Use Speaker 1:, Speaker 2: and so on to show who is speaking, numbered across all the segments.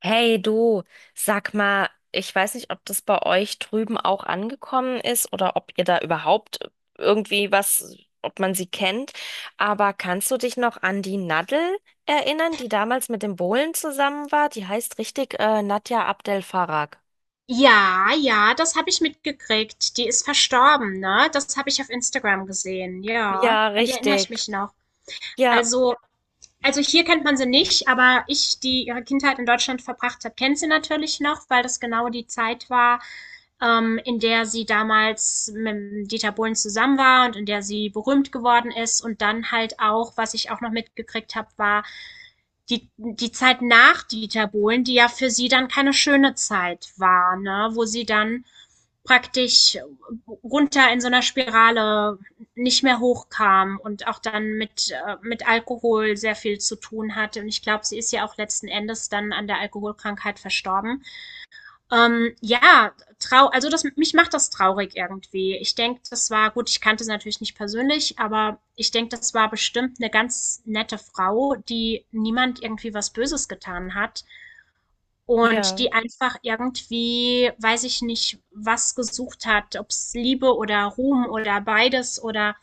Speaker 1: Hey du, sag mal, ich weiß nicht, ob das bei euch drüben auch angekommen ist oder ob ihr da überhaupt irgendwie was, ob man sie kennt, aber kannst du dich noch an die Nadel erinnern, die damals mit dem Bohlen zusammen war? Die heißt richtig Nadja Abdel Farag.
Speaker 2: Ja, ja, das habe ich mitgekriegt. Die ist verstorben, ne? Das habe ich auf Instagram gesehen. Ja,
Speaker 1: Ja,
Speaker 2: an die erinnere ich
Speaker 1: richtig.
Speaker 2: mich noch.
Speaker 1: Ja.
Speaker 2: Also also hier kennt man sie nicht, aber ich, die ihre Kindheit in Deutschland verbracht hat, kennt sie natürlich noch, weil das genau die Zeit war, in der sie damals mit Dieter Bohlen zusammen war und in der sie berühmt geworden ist. Und dann halt auch, was ich auch noch mitgekriegt habe, war die Zeit nach Dieter Bohlen, die ja für sie dann keine schöne Zeit war, ne? Wo sie dann praktisch runter in so einer Spirale nicht mehr hochkam und auch dann mit Alkohol sehr viel zu tun hatte. Und ich glaube, sie ist ja auch letzten Endes dann an der Alkoholkrankheit verstorben. Ja, mich macht das traurig irgendwie. Ich denke, das war, gut, ich kannte sie natürlich nicht persönlich, aber ich denke, das war bestimmt eine ganz nette Frau, die niemand irgendwie was Böses getan hat. Und
Speaker 1: Ja.
Speaker 2: die einfach irgendwie, weiß ich nicht, was gesucht hat, ob es Liebe oder Ruhm oder beides oder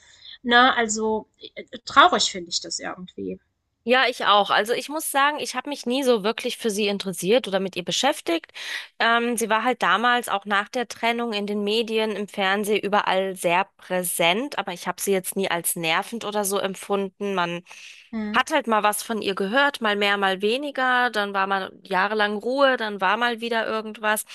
Speaker 2: ne, also traurig finde ich das irgendwie.
Speaker 1: Ja, ich auch. Also ich muss sagen, ich habe mich nie so wirklich für sie interessiert oder mit ihr beschäftigt. Sie war halt damals auch nach der Trennung in den Medien, im Fernsehen überall sehr präsent, aber ich habe sie jetzt nie als nervend oder so empfunden. Man
Speaker 2: Mhm.
Speaker 1: hat halt mal was von ihr gehört, mal mehr, mal weniger. Dann war mal jahrelang Ruhe, dann war mal wieder irgendwas.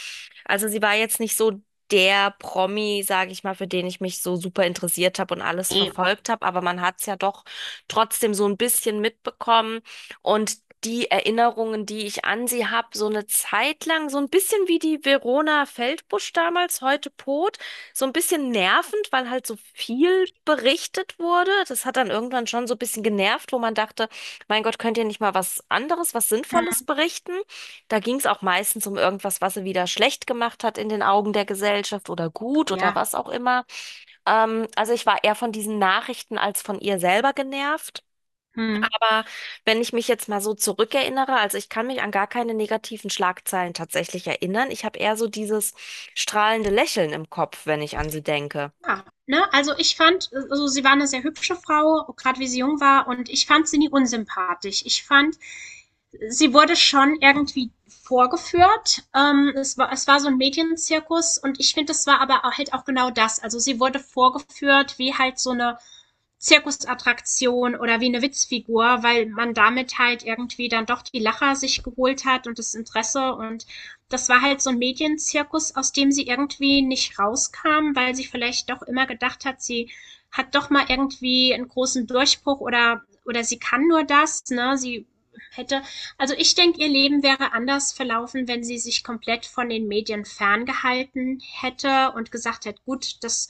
Speaker 1: Also sie war jetzt nicht so der Promi, sage ich mal, für den ich mich so super interessiert habe und alles
Speaker 2: Ne.
Speaker 1: verfolgt habe, aber man hat es ja doch trotzdem so ein bisschen mitbekommen und die Erinnerungen, die ich an sie habe, so eine Zeit lang, so ein bisschen wie die Verona Feldbusch damals, heute Pot, so ein bisschen nervend, weil halt so viel berichtet wurde. Das hat dann irgendwann schon so ein bisschen genervt, wo man dachte, mein Gott, könnt ihr nicht mal was anderes, was Sinnvolles
Speaker 2: Mhm.
Speaker 1: berichten? Da ging es auch meistens um irgendwas, was sie wieder schlecht gemacht hat in den Augen der Gesellschaft oder gut oder
Speaker 2: Ja.
Speaker 1: was auch immer. Also ich war eher von diesen Nachrichten als von ihr selber genervt.
Speaker 2: Mhm.
Speaker 1: Aber wenn ich mich jetzt mal so zurückerinnere, also ich kann mich an gar keine negativen Schlagzeilen tatsächlich erinnern. Ich habe eher so dieses strahlende Lächeln im Kopf, wenn ich an sie denke.
Speaker 2: Ja, ne? Also, ich fand also, sie war eine sehr hübsche Frau, gerade wie sie jung war und ich fand sie nie unsympathisch. Ich fand sie wurde schon irgendwie vorgeführt. Es war so ein Medienzirkus und ich finde, es war aber halt auch genau das. Also sie wurde vorgeführt wie halt so eine Zirkusattraktion oder wie eine Witzfigur, weil man damit halt irgendwie dann doch die Lacher sich geholt hat und das Interesse. Und das war halt so ein Medienzirkus, aus dem sie irgendwie nicht rauskam, weil sie vielleicht doch immer gedacht hat, sie hat doch mal irgendwie einen großen Durchbruch oder sie kann nur das, ne? Sie hätte, also ich denke, ihr Leben wäre anders verlaufen, wenn sie sich komplett von den Medien ferngehalten hätte und gesagt hätte, gut, das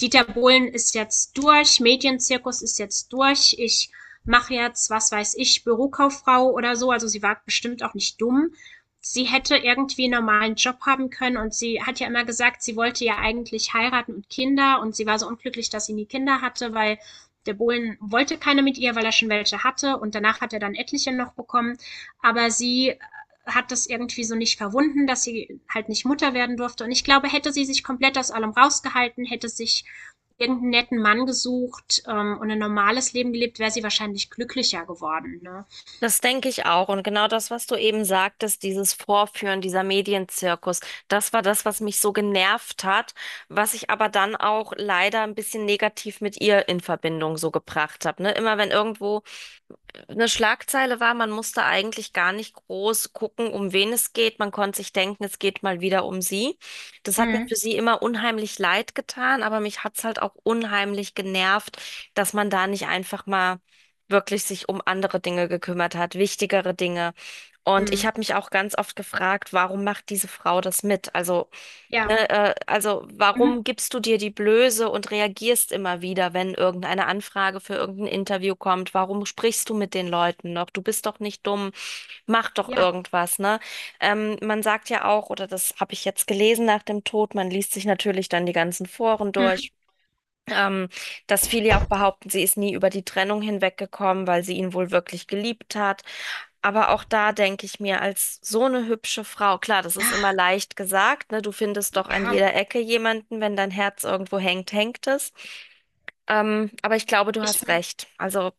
Speaker 2: Dieter Bohlen ist jetzt durch, Medienzirkus ist jetzt durch, ich mache jetzt, was weiß ich, Bürokauffrau oder so. Also sie war bestimmt auch nicht dumm. Sie hätte irgendwie einen normalen Job haben können und sie hat ja immer gesagt, sie wollte ja eigentlich heiraten und Kinder und sie war so unglücklich, dass sie nie Kinder hatte, weil der Bohlen wollte keine mit ihr, weil er schon welche hatte und danach hat er dann etliche noch bekommen. Aber sie hat das irgendwie so nicht verwunden, dass sie halt nicht Mutter werden durfte. Und ich glaube, hätte sie sich komplett aus allem rausgehalten, hätte sich irgendeinen netten Mann gesucht und ein normales Leben gelebt, wäre sie wahrscheinlich glücklicher geworden. Ne?
Speaker 1: Das denke ich auch. Und genau das, was du eben sagtest, dieses Vorführen, dieser Medienzirkus, das war das, was mich so genervt hat, was ich aber dann auch leider ein bisschen negativ mit ihr in Verbindung so gebracht habe. Ne? Immer wenn irgendwo eine Schlagzeile war, man musste eigentlich gar nicht groß gucken, um wen es geht. Man konnte sich denken, es geht mal wieder um sie. Das hat mir
Speaker 2: Hm.
Speaker 1: für sie immer unheimlich leid getan, aber mich hat es halt auch unheimlich genervt, dass man da nicht einfach mal wirklich sich um andere Dinge gekümmert hat, wichtigere Dinge. Und
Speaker 2: Hm.
Speaker 1: ich habe mich auch ganz oft gefragt, warum macht diese Frau das mit? Also
Speaker 2: Ja.
Speaker 1: ne, also
Speaker 2: Mhm.
Speaker 1: warum gibst du dir die Blöße und reagierst immer wieder, wenn irgendeine Anfrage für irgendein Interview kommt? Warum sprichst du mit den Leuten noch? Du bist doch nicht dumm, mach doch
Speaker 2: Ja.
Speaker 1: irgendwas, ne? Man sagt ja auch, oder das habe ich jetzt gelesen nach dem Tod, man liest sich natürlich dann die ganzen Foren
Speaker 2: Hm.
Speaker 1: durch. Ähm, Dass viele ja auch behaupten, sie ist nie über die Trennung hinweggekommen, weil sie ihn wohl wirklich geliebt hat. Aber auch da denke ich mir, als so eine hübsche Frau, klar, das ist immer
Speaker 2: Ja.
Speaker 1: leicht gesagt, ne? Du findest doch an
Speaker 2: Ja.
Speaker 1: jeder Ecke jemanden, wenn dein Herz irgendwo hängt, hängt es. Aber ich glaube, du
Speaker 2: Ich
Speaker 1: hast
Speaker 2: meine,
Speaker 1: recht. Also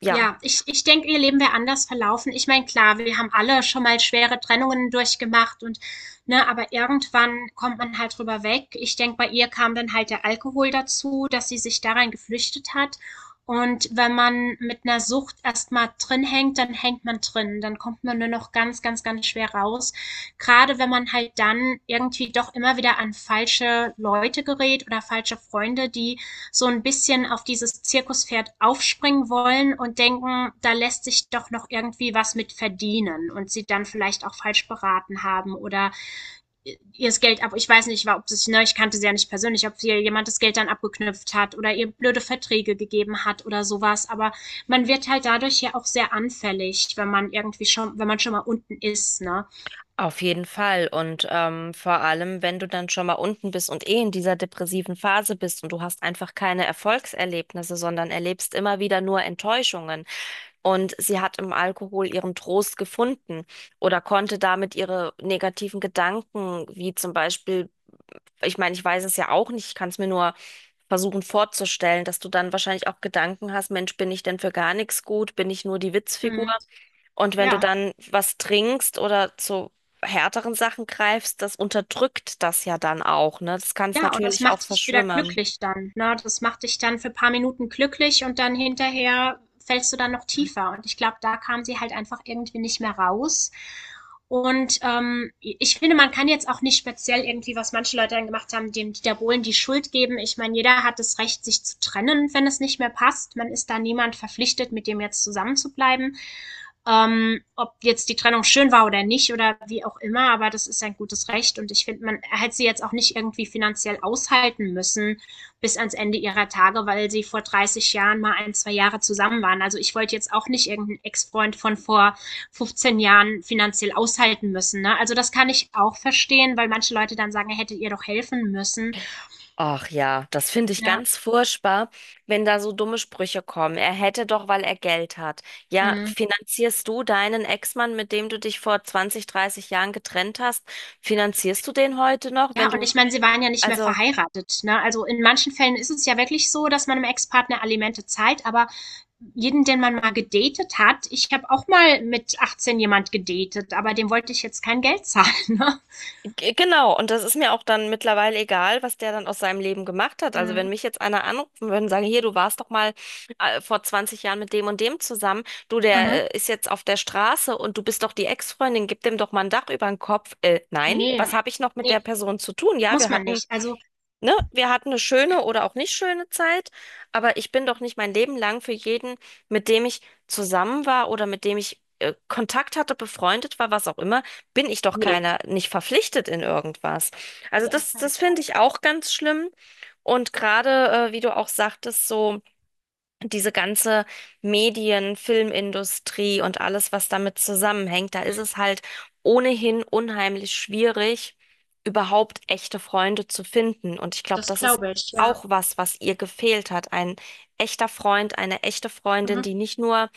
Speaker 1: ja,
Speaker 2: Ja, ich denke, ihr Leben wäre anders verlaufen. Ich meine, klar, wir haben alle schon mal schwere Trennungen durchgemacht und ne, aber irgendwann kommt man halt drüber weg. Ich denke, bei ihr kam dann halt der Alkohol dazu, dass sie sich da geflüchtet hat. Und wenn man mit einer Sucht erstmal drin hängt, dann hängt man drin. Dann kommt man nur noch ganz, ganz, ganz schwer raus. Gerade wenn man halt dann irgendwie doch immer wieder an falsche Leute gerät oder falsche Freunde, die so ein bisschen auf dieses Zirkuspferd aufspringen wollen und denken, da lässt sich doch noch irgendwie was mit verdienen und sie dann vielleicht auch falsch beraten haben oder ihr das Geld ab, ich weiß nicht, ob es, ne, ich kannte sie ja nicht persönlich, ob ihr jemand das Geld dann abgeknüpft hat oder ihr blöde Verträge gegeben hat oder sowas, aber man wird halt dadurch ja auch sehr anfällig, wenn man irgendwie schon, wenn man schon mal unten ist, ne?
Speaker 1: auf jeden Fall. Und vor allem, wenn du dann schon mal unten bist und eh in dieser depressiven Phase bist und du hast einfach keine Erfolgserlebnisse, sondern erlebst immer wieder nur Enttäuschungen. Und sie hat im Alkohol ihren Trost gefunden oder konnte damit ihre negativen Gedanken, wie zum Beispiel, ich meine, ich weiß es ja auch nicht, ich kann es mir nur versuchen vorzustellen, dass du dann wahrscheinlich auch Gedanken hast, Mensch, bin ich denn für gar nichts gut? Bin ich nur die Witzfigur?
Speaker 2: Hm,
Speaker 1: Und wenn du
Speaker 2: ja.
Speaker 1: dann was trinkst oder zu härteren Sachen greifst, das unterdrückt das ja dann auch, ne? Das kann es
Speaker 2: Ja, und das
Speaker 1: natürlich auch
Speaker 2: macht dich wieder
Speaker 1: verschwimmen.
Speaker 2: glücklich dann, ne? Das macht dich dann für paar Minuten glücklich und dann hinterher fällst du dann noch tiefer. Und ich glaube, da kam sie halt einfach irgendwie nicht mehr raus. Und ich finde, man kann jetzt auch nicht speziell irgendwie, was manche Leute dann gemacht haben, dem Dieter Bohlen die Schuld geben. Ich meine, jeder hat das Recht, sich zu trennen, wenn es nicht mehr passt. Man ist da niemand verpflichtet, mit dem jetzt zusammen zu bleiben ob jetzt die Trennung schön war oder nicht oder wie auch immer, aber das ist ein gutes Recht und ich finde, man hätte sie jetzt auch nicht irgendwie finanziell aushalten müssen bis ans Ende ihrer Tage, weil sie vor 30 Jahren mal ein, zwei Jahre zusammen waren. Also ich wollte jetzt auch nicht irgendeinen Ex-Freund von vor 15 Jahren finanziell aushalten müssen. Ne? Also das kann ich auch verstehen, weil manche Leute dann sagen, er hätte ihr doch helfen müssen.
Speaker 1: Ach ja, das finde ich
Speaker 2: Ja.
Speaker 1: ganz furchtbar, wenn da so dumme Sprüche kommen. Er hätte doch, weil er Geld hat. Ja,
Speaker 2: Mhm.
Speaker 1: finanzierst du deinen Ex-Mann, mit dem du dich vor 20, 30 Jahren getrennt hast, finanzierst du den heute noch, wenn
Speaker 2: Ja, und
Speaker 1: du,
Speaker 2: ich meine, sie waren ja nicht mehr
Speaker 1: also.
Speaker 2: verheiratet, ne? Also in manchen Fällen ist es ja wirklich so, dass man dem Ex-Partner Alimente zahlt, aber jeden, den man mal gedatet hat, ich habe auch mal mit 18 jemand gedatet, aber dem wollte ich jetzt kein Geld zahlen, ne?
Speaker 1: Genau, und das ist mir auch dann mittlerweile egal, was der dann aus seinem Leben gemacht hat. Also wenn
Speaker 2: Mhm.
Speaker 1: mich jetzt einer anrufen würde und sagen, hier, du warst doch mal vor 20 Jahren mit dem und dem zusammen, du,
Speaker 2: Mhm.
Speaker 1: der ist jetzt auf der Straße und du bist doch die Ex-Freundin, gib dem doch mal ein Dach über den Kopf. Nein,
Speaker 2: Nee.
Speaker 1: was habe ich noch mit der
Speaker 2: Nee,
Speaker 1: Person zu tun? Ja,
Speaker 2: muss
Speaker 1: wir
Speaker 2: man
Speaker 1: hatten
Speaker 2: nicht. Also,
Speaker 1: ne, wir hatten eine schöne oder auch nicht schöne Zeit, aber ich bin doch nicht mein Leben lang für jeden, mit dem ich zusammen war oder mit dem ich Kontakt hatte, befreundet war, was auch immer, bin ich doch
Speaker 2: nee.
Speaker 1: keiner, nicht verpflichtet in irgendwas. Also
Speaker 2: Nee, auf
Speaker 1: das,
Speaker 2: keinen
Speaker 1: das finde
Speaker 2: Fall.
Speaker 1: ich auch ganz schlimm. Und gerade, wie du auch sagtest, so diese ganze Medien, Filmindustrie und alles, was damit zusammenhängt, da ist
Speaker 2: Mhm.
Speaker 1: es halt ohnehin unheimlich schwierig, überhaupt echte Freunde zu finden. Und ich glaube,
Speaker 2: Das
Speaker 1: das ist
Speaker 2: glaube ich, ja.
Speaker 1: auch was, was ihr gefehlt hat. Ein echter Freund, eine echte Freundin,
Speaker 2: Mhm.
Speaker 1: die nicht nur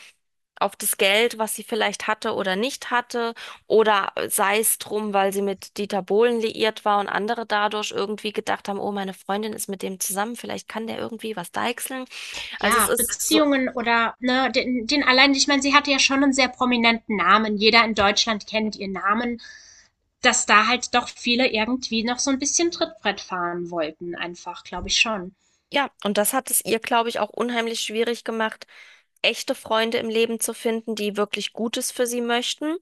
Speaker 1: auf das Geld, was sie vielleicht hatte oder nicht hatte, oder sei es drum, weil sie mit Dieter Bohlen liiert war und andere dadurch irgendwie gedacht haben, oh, meine Freundin ist mit dem zusammen, vielleicht kann der irgendwie was deichseln. Also es
Speaker 2: Ja,
Speaker 1: ist so,
Speaker 2: Beziehungen oder ne, den allein, ich meine, sie hatte ja schon einen sehr prominenten Namen. Jeder in Deutschland kennt ihren Namen. Dass da halt doch viele irgendwie noch so ein bisschen Trittbrett fahren wollten, einfach, glaube ich schon.
Speaker 1: ja, und das hat es ihr, glaube ich, auch unheimlich schwierig gemacht, echte Freunde im Leben zu finden, die wirklich Gutes für sie möchten.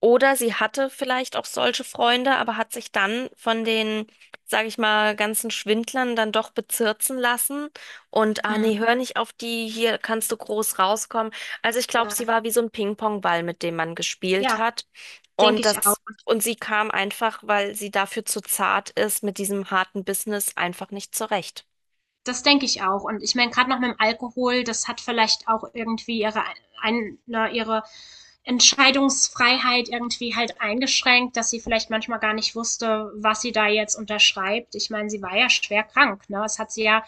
Speaker 1: Oder sie hatte vielleicht auch solche Freunde, aber hat sich dann von den, sage ich mal, ganzen Schwindlern dann doch bezirzen lassen. Und, ah
Speaker 2: Hm.
Speaker 1: nee, hör nicht auf die, hier kannst du groß rauskommen. Also ich glaube,
Speaker 2: Ja,
Speaker 1: sie war wie so ein Ping-Pong-Ball, mit dem man gespielt
Speaker 2: ja,
Speaker 1: hat.
Speaker 2: denke
Speaker 1: Und
Speaker 2: ich
Speaker 1: das,
Speaker 2: auch.
Speaker 1: und sie kam einfach, weil sie dafür zu zart ist, mit diesem harten Business einfach nicht zurecht.
Speaker 2: Das denke ich auch. Und ich meine, gerade noch mit dem Alkohol, das hat vielleicht auch irgendwie ihre, ihre Entscheidungsfreiheit irgendwie halt eingeschränkt, dass sie vielleicht manchmal gar nicht wusste, was sie da jetzt unterschreibt. Ich meine, sie war ja schwer krank. Ne?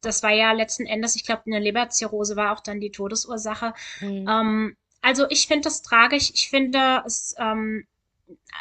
Speaker 2: Das war ja letzten Endes, ich glaube, eine Leberzirrhose war auch dann die Todesursache.
Speaker 1: Mhm.
Speaker 2: Ähm, also ich finde das tragisch. Ich finde es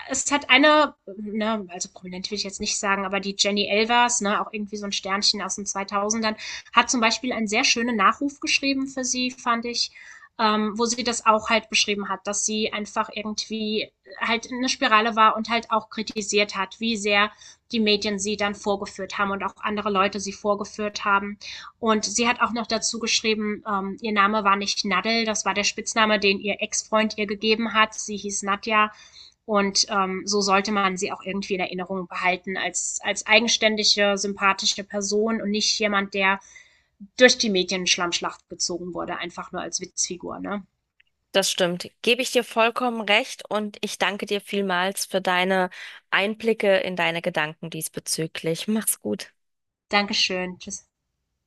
Speaker 2: es hat eine, ne, also prominent will ich jetzt nicht sagen, aber die Jenny Elvers, ne, auch irgendwie so ein Sternchen aus den zweitausendern, hat zum Beispiel einen sehr schönen Nachruf geschrieben für sie, fand ich, wo sie das auch halt beschrieben hat, dass sie einfach irgendwie halt in eine Spirale war und halt auch kritisiert hat, wie sehr die Medien sie dann vorgeführt haben und auch andere Leute sie vorgeführt haben. Und sie hat auch noch dazu geschrieben, ihr Name war nicht Nadel, das war der Spitzname, den ihr Ex-Freund ihr gegeben hat. Sie hieß Nadja und so sollte man sie auch irgendwie in Erinnerung behalten als, als eigenständige, sympathische Person und nicht jemand, der durch die Medien-Schlammschlacht gezogen wurde, einfach nur als Witzfigur. Ne?
Speaker 1: Das stimmt. Gebe ich dir vollkommen recht und ich danke dir vielmals für deine Einblicke in deine Gedanken diesbezüglich. Mach's gut.
Speaker 2: Dankeschön. Tschüss.